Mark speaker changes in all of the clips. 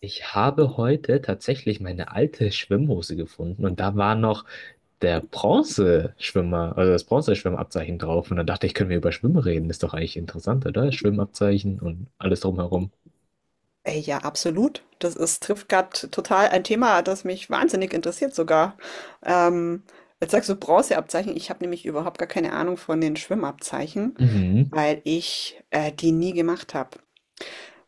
Speaker 1: Ich habe heute tatsächlich meine alte Schwimmhose gefunden und da war noch der Bronzeschwimmer, also das Bronzeschwimmabzeichen drauf. Und dann dachte ich, können wir über Schwimmen reden? Ist doch eigentlich interessant, oder? Schwimmabzeichen und alles drumherum.
Speaker 2: Ey, ja, absolut. Trifft gerade total ein Thema, das mich wahnsinnig interessiert sogar. Ähm, jetzt sagst du Bronzeabzeichen. Ich habe nämlich überhaupt gar keine Ahnung von den Schwimmabzeichen,
Speaker 1: Mhm.
Speaker 2: weil ich die nie gemacht habe.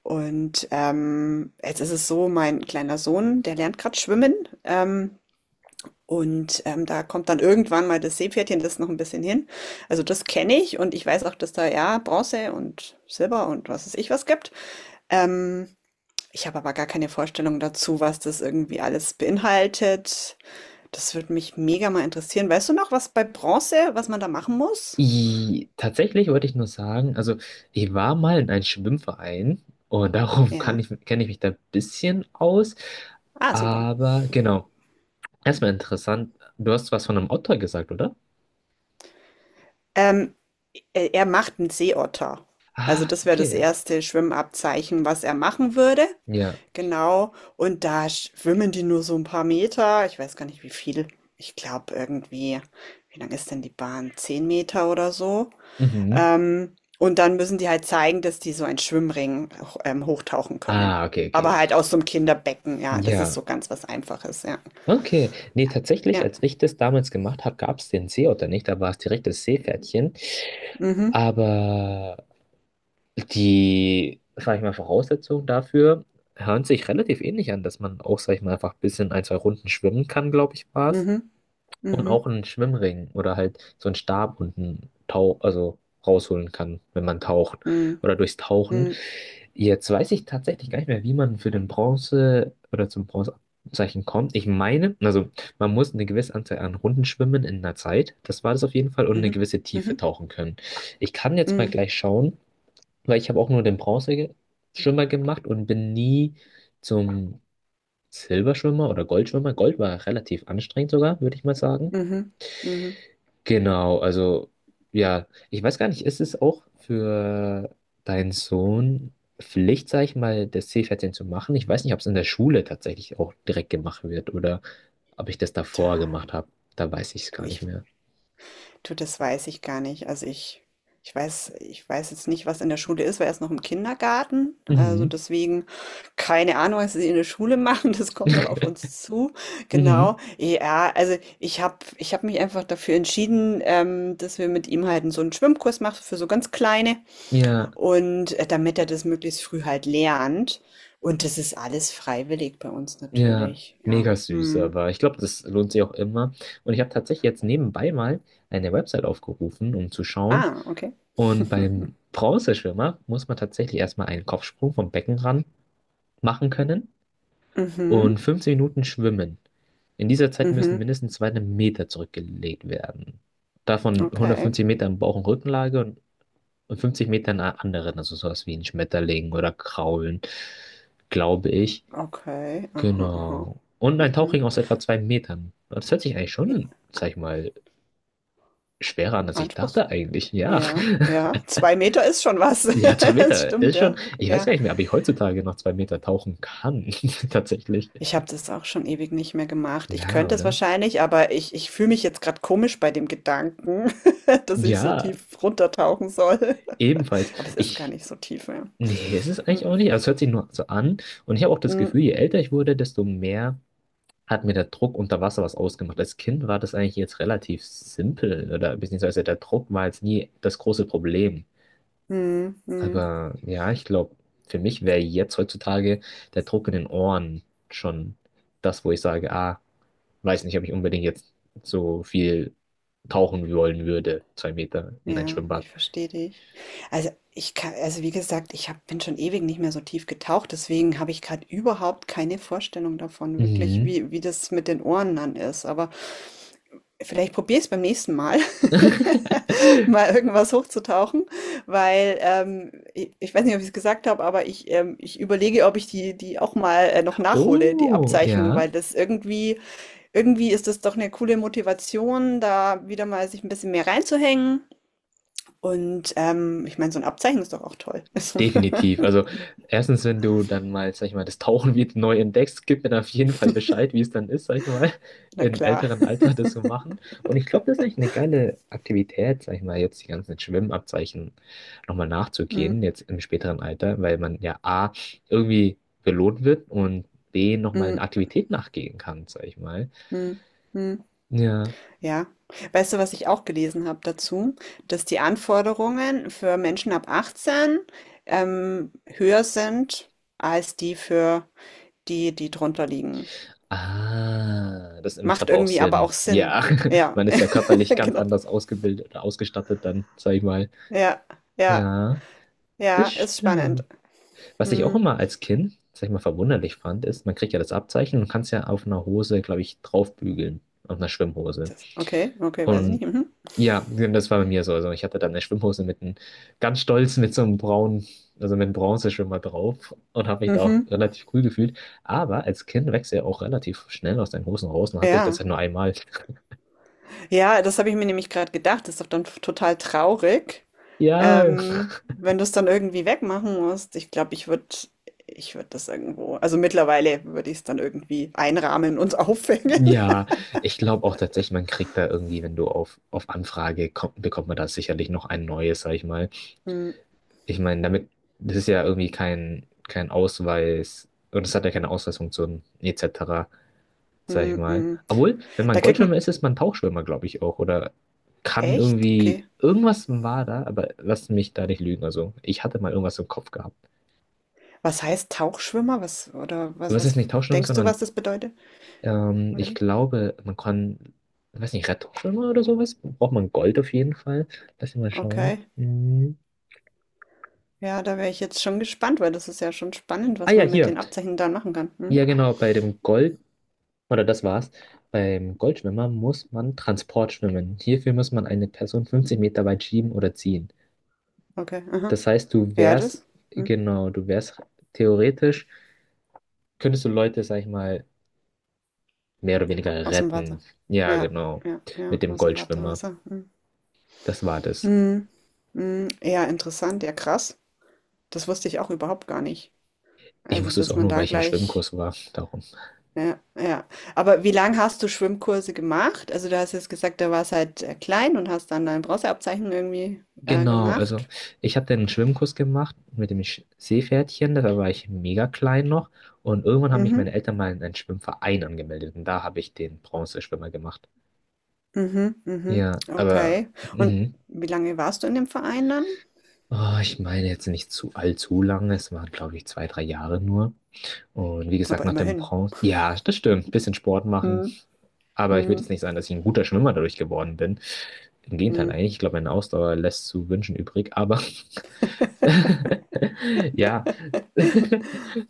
Speaker 2: Und jetzt ist es so, mein kleiner Sohn, der lernt gerade schwimmen. Ähm, und da kommt dann irgendwann mal das Seepferdchen, das ist noch ein bisschen hin. Also das kenne ich und ich weiß auch, dass da ja Bronze und Silber und was weiß ich was gibt. Ähm, ich habe aber gar keine Vorstellung dazu, was das irgendwie alles beinhaltet. Das würde mich mega mal interessieren. Weißt du noch, was bei Bronze, was man da machen muss?
Speaker 1: Tatsächlich wollte ich nur sagen, also ich war mal in einem Schwimmverein und darum
Speaker 2: Ja.
Speaker 1: kenne ich mich da ein bisschen aus.
Speaker 2: Ah, super.
Speaker 1: Aber genau, erstmal interessant, du hast was von einem Otter gesagt, oder?
Speaker 2: Ähm, er macht einen Seeotter. Also
Speaker 1: Ah,
Speaker 2: das wäre das
Speaker 1: okay.
Speaker 2: erste Schwimmabzeichen, was er machen würde.
Speaker 1: Ja.
Speaker 2: Genau. Und da schwimmen die nur so ein paar Meter. Ich weiß gar nicht, wie viel. Ich glaube irgendwie, wie lang ist denn die Bahn? Zehn Meter oder so.
Speaker 1: Mhm.
Speaker 2: Und dann müssen die halt zeigen, dass die so einen Schwimmring auch, hochtauchen können.
Speaker 1: Ah, okay, okay.
Speaker 2: Aber halt aus so einem Kinderbecken, ja, das ist
Speaker 1: Ja,
Speaker 2: so ganz was Einfaches, ja.
Speaker 1: okay. Nee,
Speaker 2: Ja.
Speaker 1: tatsächlich,
Speaker 2: Ja.
Speaker 1: als ich das damals gemacht habe, gab es den Seeotter nicht. Da war es direkt das Seepferdchen.
Speaker 2: Mhm.
Speaker 1: Aber die, sag ich mal, Voraussetzungen dafür hören sich relativ ähnlich an, dass man auch, sag ich mal, einfach ein bisschen ein, zwei Runden schwimmen kann, glaube ich, war es.
Speaker 2: Mhm.
Speaker 1: Und auch
Speaker 2: Mhm.
Speaker 1: einen Schwimmring oder halt so einen Stab und also rausholen kann, wenn man taucht.
Speaker 2: Mhm.
Speaker 1: Oder durchs Tauchen.
Speaker 2: Mhm.
Speaker 1: Jetzt weiß ich tatsächlich gar nicht mehr, wie man für den Bronze oder zum Bronzezeichen kommt. Ich meine, also man muss eine gewisse Anzahl an Runden schwimmen in einer Zeit. Das war das auf jeden Fall und eine
Speaker 2: Mhm.
Speaker 1: gewisse Tiefe
Speaker 2: Mhm.
Speaker 1: tauchen können. Ich kann jetzt mal
Speaker 2: Mhm.
Speaker 1: gleich schauen, weil ich habe auch nur den Bronzeschwimmer gemacht und bin nie zum Silberschwimmer oder Goldschwimmer. Gold war relativ anstrengend sogar, würde ich mal sagen.
Speaker 2: Mhm. Mhm.
Speaker 1: Genau, also ja, ich weiß gar nicht, ist es auch für deinen Sohn Pflicht, sag ich mal, das Seepferdchen zu machen? Ich weiß nicht, ob es in der Schule tatsächlich auch direkt gemacht wird oder ob ich das davor
Speaker 2: Tja,
Speaker 1: gemacht habe. Da weiß ich es
Speaker 2: du,
Speaker 1: gar
Speaker 2: ich
Speaker 1: nicht mehr.
Speaker 2: Du, das weiß ich gar nicht. Also ich weiß jetzt nicht, was in der Schule ist, weil er ist noch im Kindergarten. Also
Speaker 1: Mhm.
Speaker 2: deswegen keine Ahnung, was sie in der Schule machen. Das kommt noch auf uns zu.
Speaker 1: Mhm.
Speaker 2: Genau. Ja, also ich habe mich einfach dafür entschieden, dass wir mit ihm halt so einen Schwimmkurs machen für so ganz Kleine
Speaker 1: Ja,
Speaker 2: und damit er das möglichst früh halt lernt. Und das ist alles freiwillig bei uns
Speaker 1: ja,
Speaker 2: natürlich. Ja.
Speaker 1: mega süß,
Speaker 2: Hm.
Speaker 1: aber ich glaube, das lohnt sich auch immer. Und ich habe tatsächlich jetzt nebenbei mal eine Website aufgerufen, um zu schauen.
Speaker 2: Ah, okay.
Speaker 1: Und beim Bronzeschwimmer muss man tatsächlich erstmal einen Kopfsprung vom Becken ran machen können und
Speaker 2: Mhm.
Speaker 1: 15 Minuten schwimmen. In dieser Zeit müssen
Speaker 2: Mhm.
Speaker 1: mindestens 2 Meter zurückgelegt werden. Davon
Speaker 2: Okay.
Speaker 1: 150 Meter in Bauch- und Rückenlage und 50 Meter in einer anderen, also sowas wie ein Schmetterling oder Kraulen, glaube ich.
Speaker 2: Okay, aha, aha.
Speaker 1: Genau. Und ein
Speaker 2: Mhm.
Speaker 1: Tauchring aus etwa 2 Metern. Das hört sich eigentlich
Speaker 2: J
Speaker 1: schon, sag ich mal, schwerer an, als ich dachte
Speaker 2: Anspruchsvoll.
Speaker 1: eigentlich. Ja.
Speaker 2: Ja, ja, 2 Meter ist schon was.
Speaker 1: Ja, zwei
Speaker 2: Das
Speaker 1: Meter
Speaker 2: stimmt,
Speaker 1: ist schon.
Speaker 2: ja,
Speaker 1: Ich weiß
Speaker 2: ja.
Speaker 1: gar nicht mehr, ob ich heutzutage noch 2 Meter tauchen kann. Tatsächlich.
Speaker 2: Ich habe das auch schon ewig nicht mehr gemacht. Ich
Speaker 1: Ja,
Speaker 2: könnte es
Speaker 1: oder?
Speaker 2: wahrscheinlich, aber ich fühle mich jetzt gerade komisch bei dem Gedanken, dass ich so
Speaker 1: Ja.
Speaker 2: tief runtertauchen soll.
Speaker 1: Ebenfalls.
Speaker 2: Aber es ist gar
Speaker 1: Ich.
Speaker 2: nicht so tief, ja.
Speaker 1: Nee, ist es
Speaker 2: Mhm.
Speaker 1: eigentlich auch nicht. Also es hört sich nur so an. Und ich habe auch das
Speaker 2: Mhm.
Speaker 1: Gefühl, je älter ich wurde, desto mehr hat mir der Druck unter Wasser was ausgemacht. Als Kind war das eigentlich jetzt relativ simpel. Oder beziehungsweise der Druck war jetzt nie das große Problem.
Speaker 2: Mhm. Mhm.
Speaker 1: Aber ja, ich glaube, für mich wäre jetzt heutzutage der Druck in den Ohren schon das, wo ich sage, ah, weiß nicht, ob ich unbedingt jetzt so viel tauchen wollen würde. Zwei Meter in ein
Speaker 2: Ja,
Speaker 1: Schwimmbad.
Speaker 2: ich verstehe dich. Also ich kann, also wie gesagt, ich hab, bin schon ewig nicht mehr so tief getaucht, deswegen habe ich gerade überhaupt keine Vorstellung davon, wirklich,
Speaker 1: Mhm.
Speaker 2: wie, wie das mit den Ohren dann ist. Aber vielleicht probiere ich es beim nächsten Mal, mal irgendwas hochzutauchen, weil ich weiß nicht, ob ich es gesagt habe, aber ich überlege, ob ich die auch mal noch nachhole, die
Speaker 1: Oh,
Speaker 2: Abzeichen,
Speaker 1: ja,
Speaker 2: weil irgendwie ist das doch eine coole Motivation, da wieder mal sich ein bisschen mehr reinzuhängen. Und ich meine, so ein Abzeichen ist doch auch toll.
Speaker 1: definitiv. Also erstens, wenn du dann mal, sag ich mal, das Tauchen wieder neu entdeckst, gib mir dann auf jeden Fall Bescheid, wie es dann ist, sag ich mal,
Speaker 2: Na
Speaker 1: im
Speaker 2: klar.
Speaker 1: älteren Alter das zu machen. Und ich glaube, das ist eigentlich eine geile Aktivität, sag ich mal, jetzt die ganzen Schwimmabzeichen nochmal
Speaker 2: Mhm,
Speaker 1: nachzugehen, jetzt im späteren Alter, weil man ja A, irgendwie belohnt wird und B, nochmal eine
Speaker 2: mhm,
Speaker 1: Aktivität nachgehen kann, sag ich mal.
Speaker 2: mhm, mhm.
Speaker 1: Ja.
Speaker 2: Ja. Weißt du, was ich auch gelesen habe dazu? Dass die Anforderungen für Menschen ab 18, höher sind als die für die, die drunter liegen.
Speaker 1: Ah, das macht
Speaker 2: Macht
Speaker 1: aber auch
Speaker 2: irgendwie aber
Speaker 1: Sinn.
Speaker 2: auch Sinn.
Speaker 1: Ja,
Speaker 2: Ja,
Speaker 1: man ist ja körperlich ganz
Speaker 2: genau.
Speaker 1: anders ausgebildet oder ausgestattet dann, sag ich mal.
Speaker 2: Ja, ja,
Speaker 1: Ja,
Speaker 2: ja,
Speaker 1: das
Speaker 2: ist spannend.
Speaker 1: stimmt. Was ich auch
Speaker 2: Mhm.
Speaker 1: immer als Kind, sag ich mal, verwunderlich fand, ist, man kriegt ja das Abzeichen und kann es ja auf einer Hose, glaube ich, draufbügeln, auf einer Schwimmhose.
Speaker 2: Das okay, okay, weiß ich
Speaker 1: Und
Speaker 2: nicht. Mhm.
Speaker 1: ja, das war bei mir so. Also ich hatte dann eine Schwimmhose mit einem, ganz stolz mit so einem braunen, also mit einem Bronzeschwimmer drauf und habe mich da auch
Speaker 2: Mhm.
Speaker 1: relativ cool gefühlt. Aber als Kind wächst ja auch relativ schnell aus deinen Hosen raus und hatte ich das
Speaker 2: Ja.
Speaker 1: ja nur einmal.
Speaker 2: Ja, das habe ich mir nämlich gerade gedacht. Das ist doch dann total traurig,
Speaker 1: Ja,
Speaker 2: wenn du es dann irgendwie wegmachen musst. Ich glaube, ich würde das irgendwo, also mittlerweile würde ich es dann irgendwie einrahmen und aufhängen.
Speaker 1: ja, ich glaube auch tatsächlich, man kriegt da irgendwie, wenn du auf Anfrage kommt, bekommt man da sicherlich noch ein neues, sag ich mal.
Speaker 2: Mm,
Speaker 1: Ich meine, das ist ja irgendwie kein Ausweis und es hat ja keine Ausweisfunktion etc., sag ich
Speaker 2: mm,
Speaker 1: mal.
Speaker 2: mm.
Speaker 1: Obwohl, wenn man
Speaker 2: Da kriegt
Speaker 1: Goldschwimmer
Speaker 2: man,
Speaker 1: ist, ist man Tauchschwimmer, glaube ich auch. Oder kann
Speaker 2: echt?
Speaker 1: irgendwie,
Speaker 2: Okay.
Speaker 1: irgendwas war da, aber lass mich da nicht lügen. Also, ich hatte mal irgendwas im Kopf gehabt.
Speaker 2: Was heißt Tauchschwimmer? Was, oder
Speaker 1: Aber
Speaker 2: was,
Speaker 1: es ist
Speaker 2: was,
Speaker 1: nicht Tauchschwimmer,
Speaker 2: denkst du,
Speaker 1: sondern
Speaker 2: was das bedeutet? Oder
Speaker 1: ich
Speaker 2: wie?
Speaker 1: glaube, man kann, ich weiß nicht, Rettungsschwimmer oder sowas. Braucht man Gold auf jeden Fall. Lass mich mal schauen.
Speaker 2: Okay.
Speaker 1: Hm.
Speaker 2: Ja, da wäre ich jetzt schon gespannt, weil das ist ja schon spannend,
Speaker 1: Ah
Speaker 2: was
Speaker 1: ja,
Speaker 2: man mit
Speaker 1: hier.
Speaker 2: den Abzeichen dann machen kann. Hm?
Speaker 1: Ja, genau, bei dem Gold, oder das war's. Beim Goldschwimmer muss man Transport schwimmen. Hierfür muss man eine Person 50 Meter weit schieben oder ziehen.
Speaker 2: Okay, aha.
Speaker 1: Das heißt, du
Speaker 2: Ja,
Speaker 1: wärst,
Speaker 2: das. Hm.
Speaker 1: genau, du wärst theoretisch, könntest du Leute, sag ich mal, mehr oder weniger
Speaker 2: Aus dem
Speaker 1: retten.
Speaker 2: Wasser.
Speaker 1: Ja,
Speaker 2: Ja,
Speaker 1: genau.
Speaker 2: ja, ja,
Speaker 1: Mit dem
Speaker 2: aus'm
Speaker 1: Goldschwimmer.
Speaker 2: Wartewasser. Mhm.
Speaker 1: Das war das.
Speaker 2: Mhm. Mhm. Ja, interessant, ja krass. Das wusste ich auch überhaupt gar nicht.
Speaker 1: Ich
Speaker 2: Also,
Speaker 1: wusste es
Speaker 2: dass
Speaker 1: auch
Speaker 2: man
Speaker 1: nur,
Speaker 2: da
Speaker 1: weil ich im
Speaker 2: gleich
Speaker 1: Schwimmkurs war. Darum.
Speaker 2: ja, ja. Aber wie lang hast du Schwimmkurse gemacht? Also, du hast jetzt gesagt, da warst halt, klein und hast dann dein Bronzeabzeichen irgendwie,
Speaker 1: Genau, also
Speaker 2: gemacht.
Speaker 1: ich habe dann einen Schwimmkurs gemacht mit dem Seepferdchen. Da war ich mega klein noch. Und irgendwann haben mich meine
Speaker 2: Mhm.
Speaker 1: Eltern mal in einen Schwimmverein angemeldet. Und da habe ich den Bronzeschwimmer gemacht.
Speaker 2: Mhm, mhm.
Speaker 1: Ja, aber.
Speaker 2: Okay. Und
Speaker 1: Mhm.
Speaker 2: wie lange warst du in dem Verein dann?
Speaker 1: Oh, ich meine jetzt nicht zu allzu lange. Es waren, glaube ich, zwei, drei Jahre nur. Und wie gesagt,
Speaker 2: Aber
Speaker 1: nach dem
Speaker 2: immerhin.
Speaker 1: Bronze. Ja, das stimmt. Ein Bisschen Sport machen.
Speaker 2: Mhm.
Speaker 1: Aber ich würde jetzt
Speaker 2: Mhm.
Speaker 1: nicht sagen, dass ich ein guter Schwimmer dadurch geworden bin. Im Gegenteil,
Speaker 2: Mhm.
Speaker 1: eigentlich. Ich glaube, meine Ausdauer lässt zu wünschen übrig. Aber ja,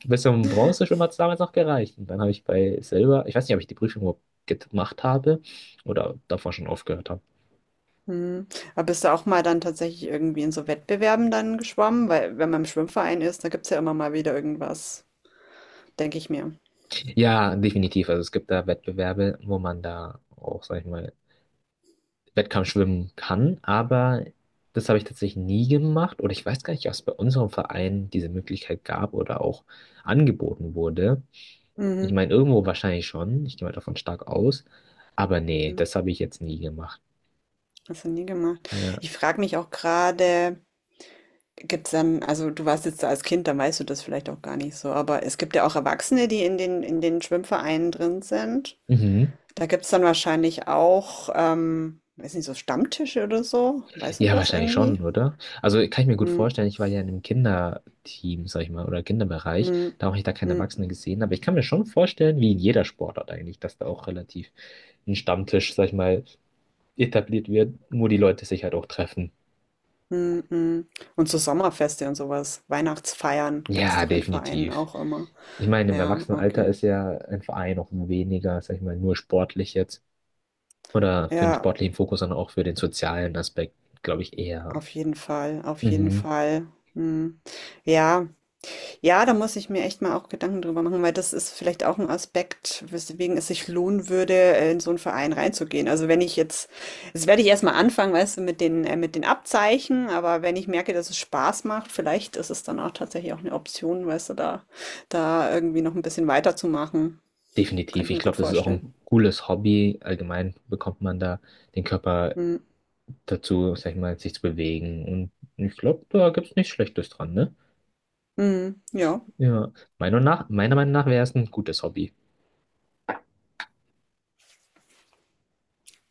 Speaker 1: bis zum Bronzeschwimmer hat es damals noch gereicht. Und dann habe ich bei Silber, ich weiß nicht, ob ich die Prüfung überhaupt gemacht habe oder davor schon aufgehört habe.
Speaker 2: Hm. Aber bist du auch mal dann tatsächlich irgendwie in so Wettbewerben dann geschwommen? Weil wenn man im Schwimmverein ist, da gibt es ja immer mal wieder irgendwas, denke ich mir.
Speaker 1: Ja, definitiv. Also es gibt da Wettbewerbe, wo man da auch, sag ich mal, Wettkampfschwimmen kann, aber das habe ich tatsächlich nie gemacht oder ich weiß gar nicht, ob es bei unserem Verein diese Möglichkeit gab oder auch angeboten wurde. Ich
Speaker 2: Mhm.
Speaker 1: meine, irgendwo wahrscheinlich schon, ich gehe mal davon stark aus, aber nee,
Speaker 2: Mhm.
Speaker 1: das habe ich jetzt nie gemacht.
Speaker 2: Hast du nie gemacht.
Speaker 1: Ja.
Speaker 2: Ich frage mich auch gerade, gibt es dann, also du warst jetzt da als Kind, dann weißt du das vielleicht auch gar nicht so, aber es gibt ja auch Erwachsene, die in den Schwimmvereinen drin sind.
Speaker 1: Mhm.
Speaker 2: Da gibt es dann wahrscheinlich auch, weiß nicht, so Stammtische oder so. Weißt du
Speaker 1: Ja,
Speaker 2: das
Speaker 1: wahrscheinlich schon,
Speaker 2: irgendwie?
Speaker 1: oder? Also kann ich mir gut vorstellen, ich war ja in einem Kinderteam, sag ich mal, oder Kinderbereich,
Speaker 2: Mhm.
Speaker 1: da habe ich da keine
Speaker 2: Mhm.
Speaker 1: Erwachsenen gesehen, aber ich kann mir schon vorstellen, wie in jeder Sportart eigentlich, dass da auch relativ ein Stammtisch, sag ich mal, etabliert wird, nur die Leute sich halt auch treffen.
Speaker 2: Mm, mm. Und so Sommerfeste und sowas, Weihnachtsfeiern gibt es
Speaker 1: Ja,
Speaker 2: doch in Vereinen
Speaker 1: definitiv.
Speaker 2: auch immer.
Speaker 1: Ich meine, im
Speaker 2: Ja,
Speaker 1: Erwachsenenalter
Speaker 2: okay.
Speaker 1: ist ja ein Verein auch weniger, sag ich mal, nur sportlich jetzt. Oder für den
Speaker 2: Ja,
Speaker 1: sportlichen Fokus, sondern auch für den sozialen Aspekt, glaube ich, eher.
Speaker 2: auf jeden Fall, auf jeden
Speaker 1: Mhm.
Speaker 2: Fall. Mm. Ja, ja, da muss ich mir echt mal auch Gedanken drüber machen, weil das ist vielleicht auch ein Aspekt, weswegen es sich lohnen würde, in so einen Verein reinzugehen. Also wenn ich jetzt, das werde ich erstmal anfangen, weißt du, mit den Abzeichen, aber wenn ich merke, dass es Spaß macht, vielleicht ist es dann auch tatsächlich auch eine Option, weißt du, da irgendwie noch ein bisschen weiterzumachen. Kann
Speaker 1: Definitiv.
Speaker 2: ich
Speaker 1: Ich
Speaker 2: mir
Speaker 1: glaube,
Speaker 2: gut
Speaker 1: das ist auch
Speaker 2: vorstellen.
Speaker 1: ein cooles Hobby. Allgemein bekommt man da den Körper
Speaker 2: Mhm.
Speaker 1: dazu, sag ich mal, sich zu bewegen. Und ich glaube, da gibt es nichts Schlechtes dran, ne?
Speaker 2: Mhm. Ja,
Speaker 1: Ja. Meiner Meinung nach wäre es ein gutes Hobby.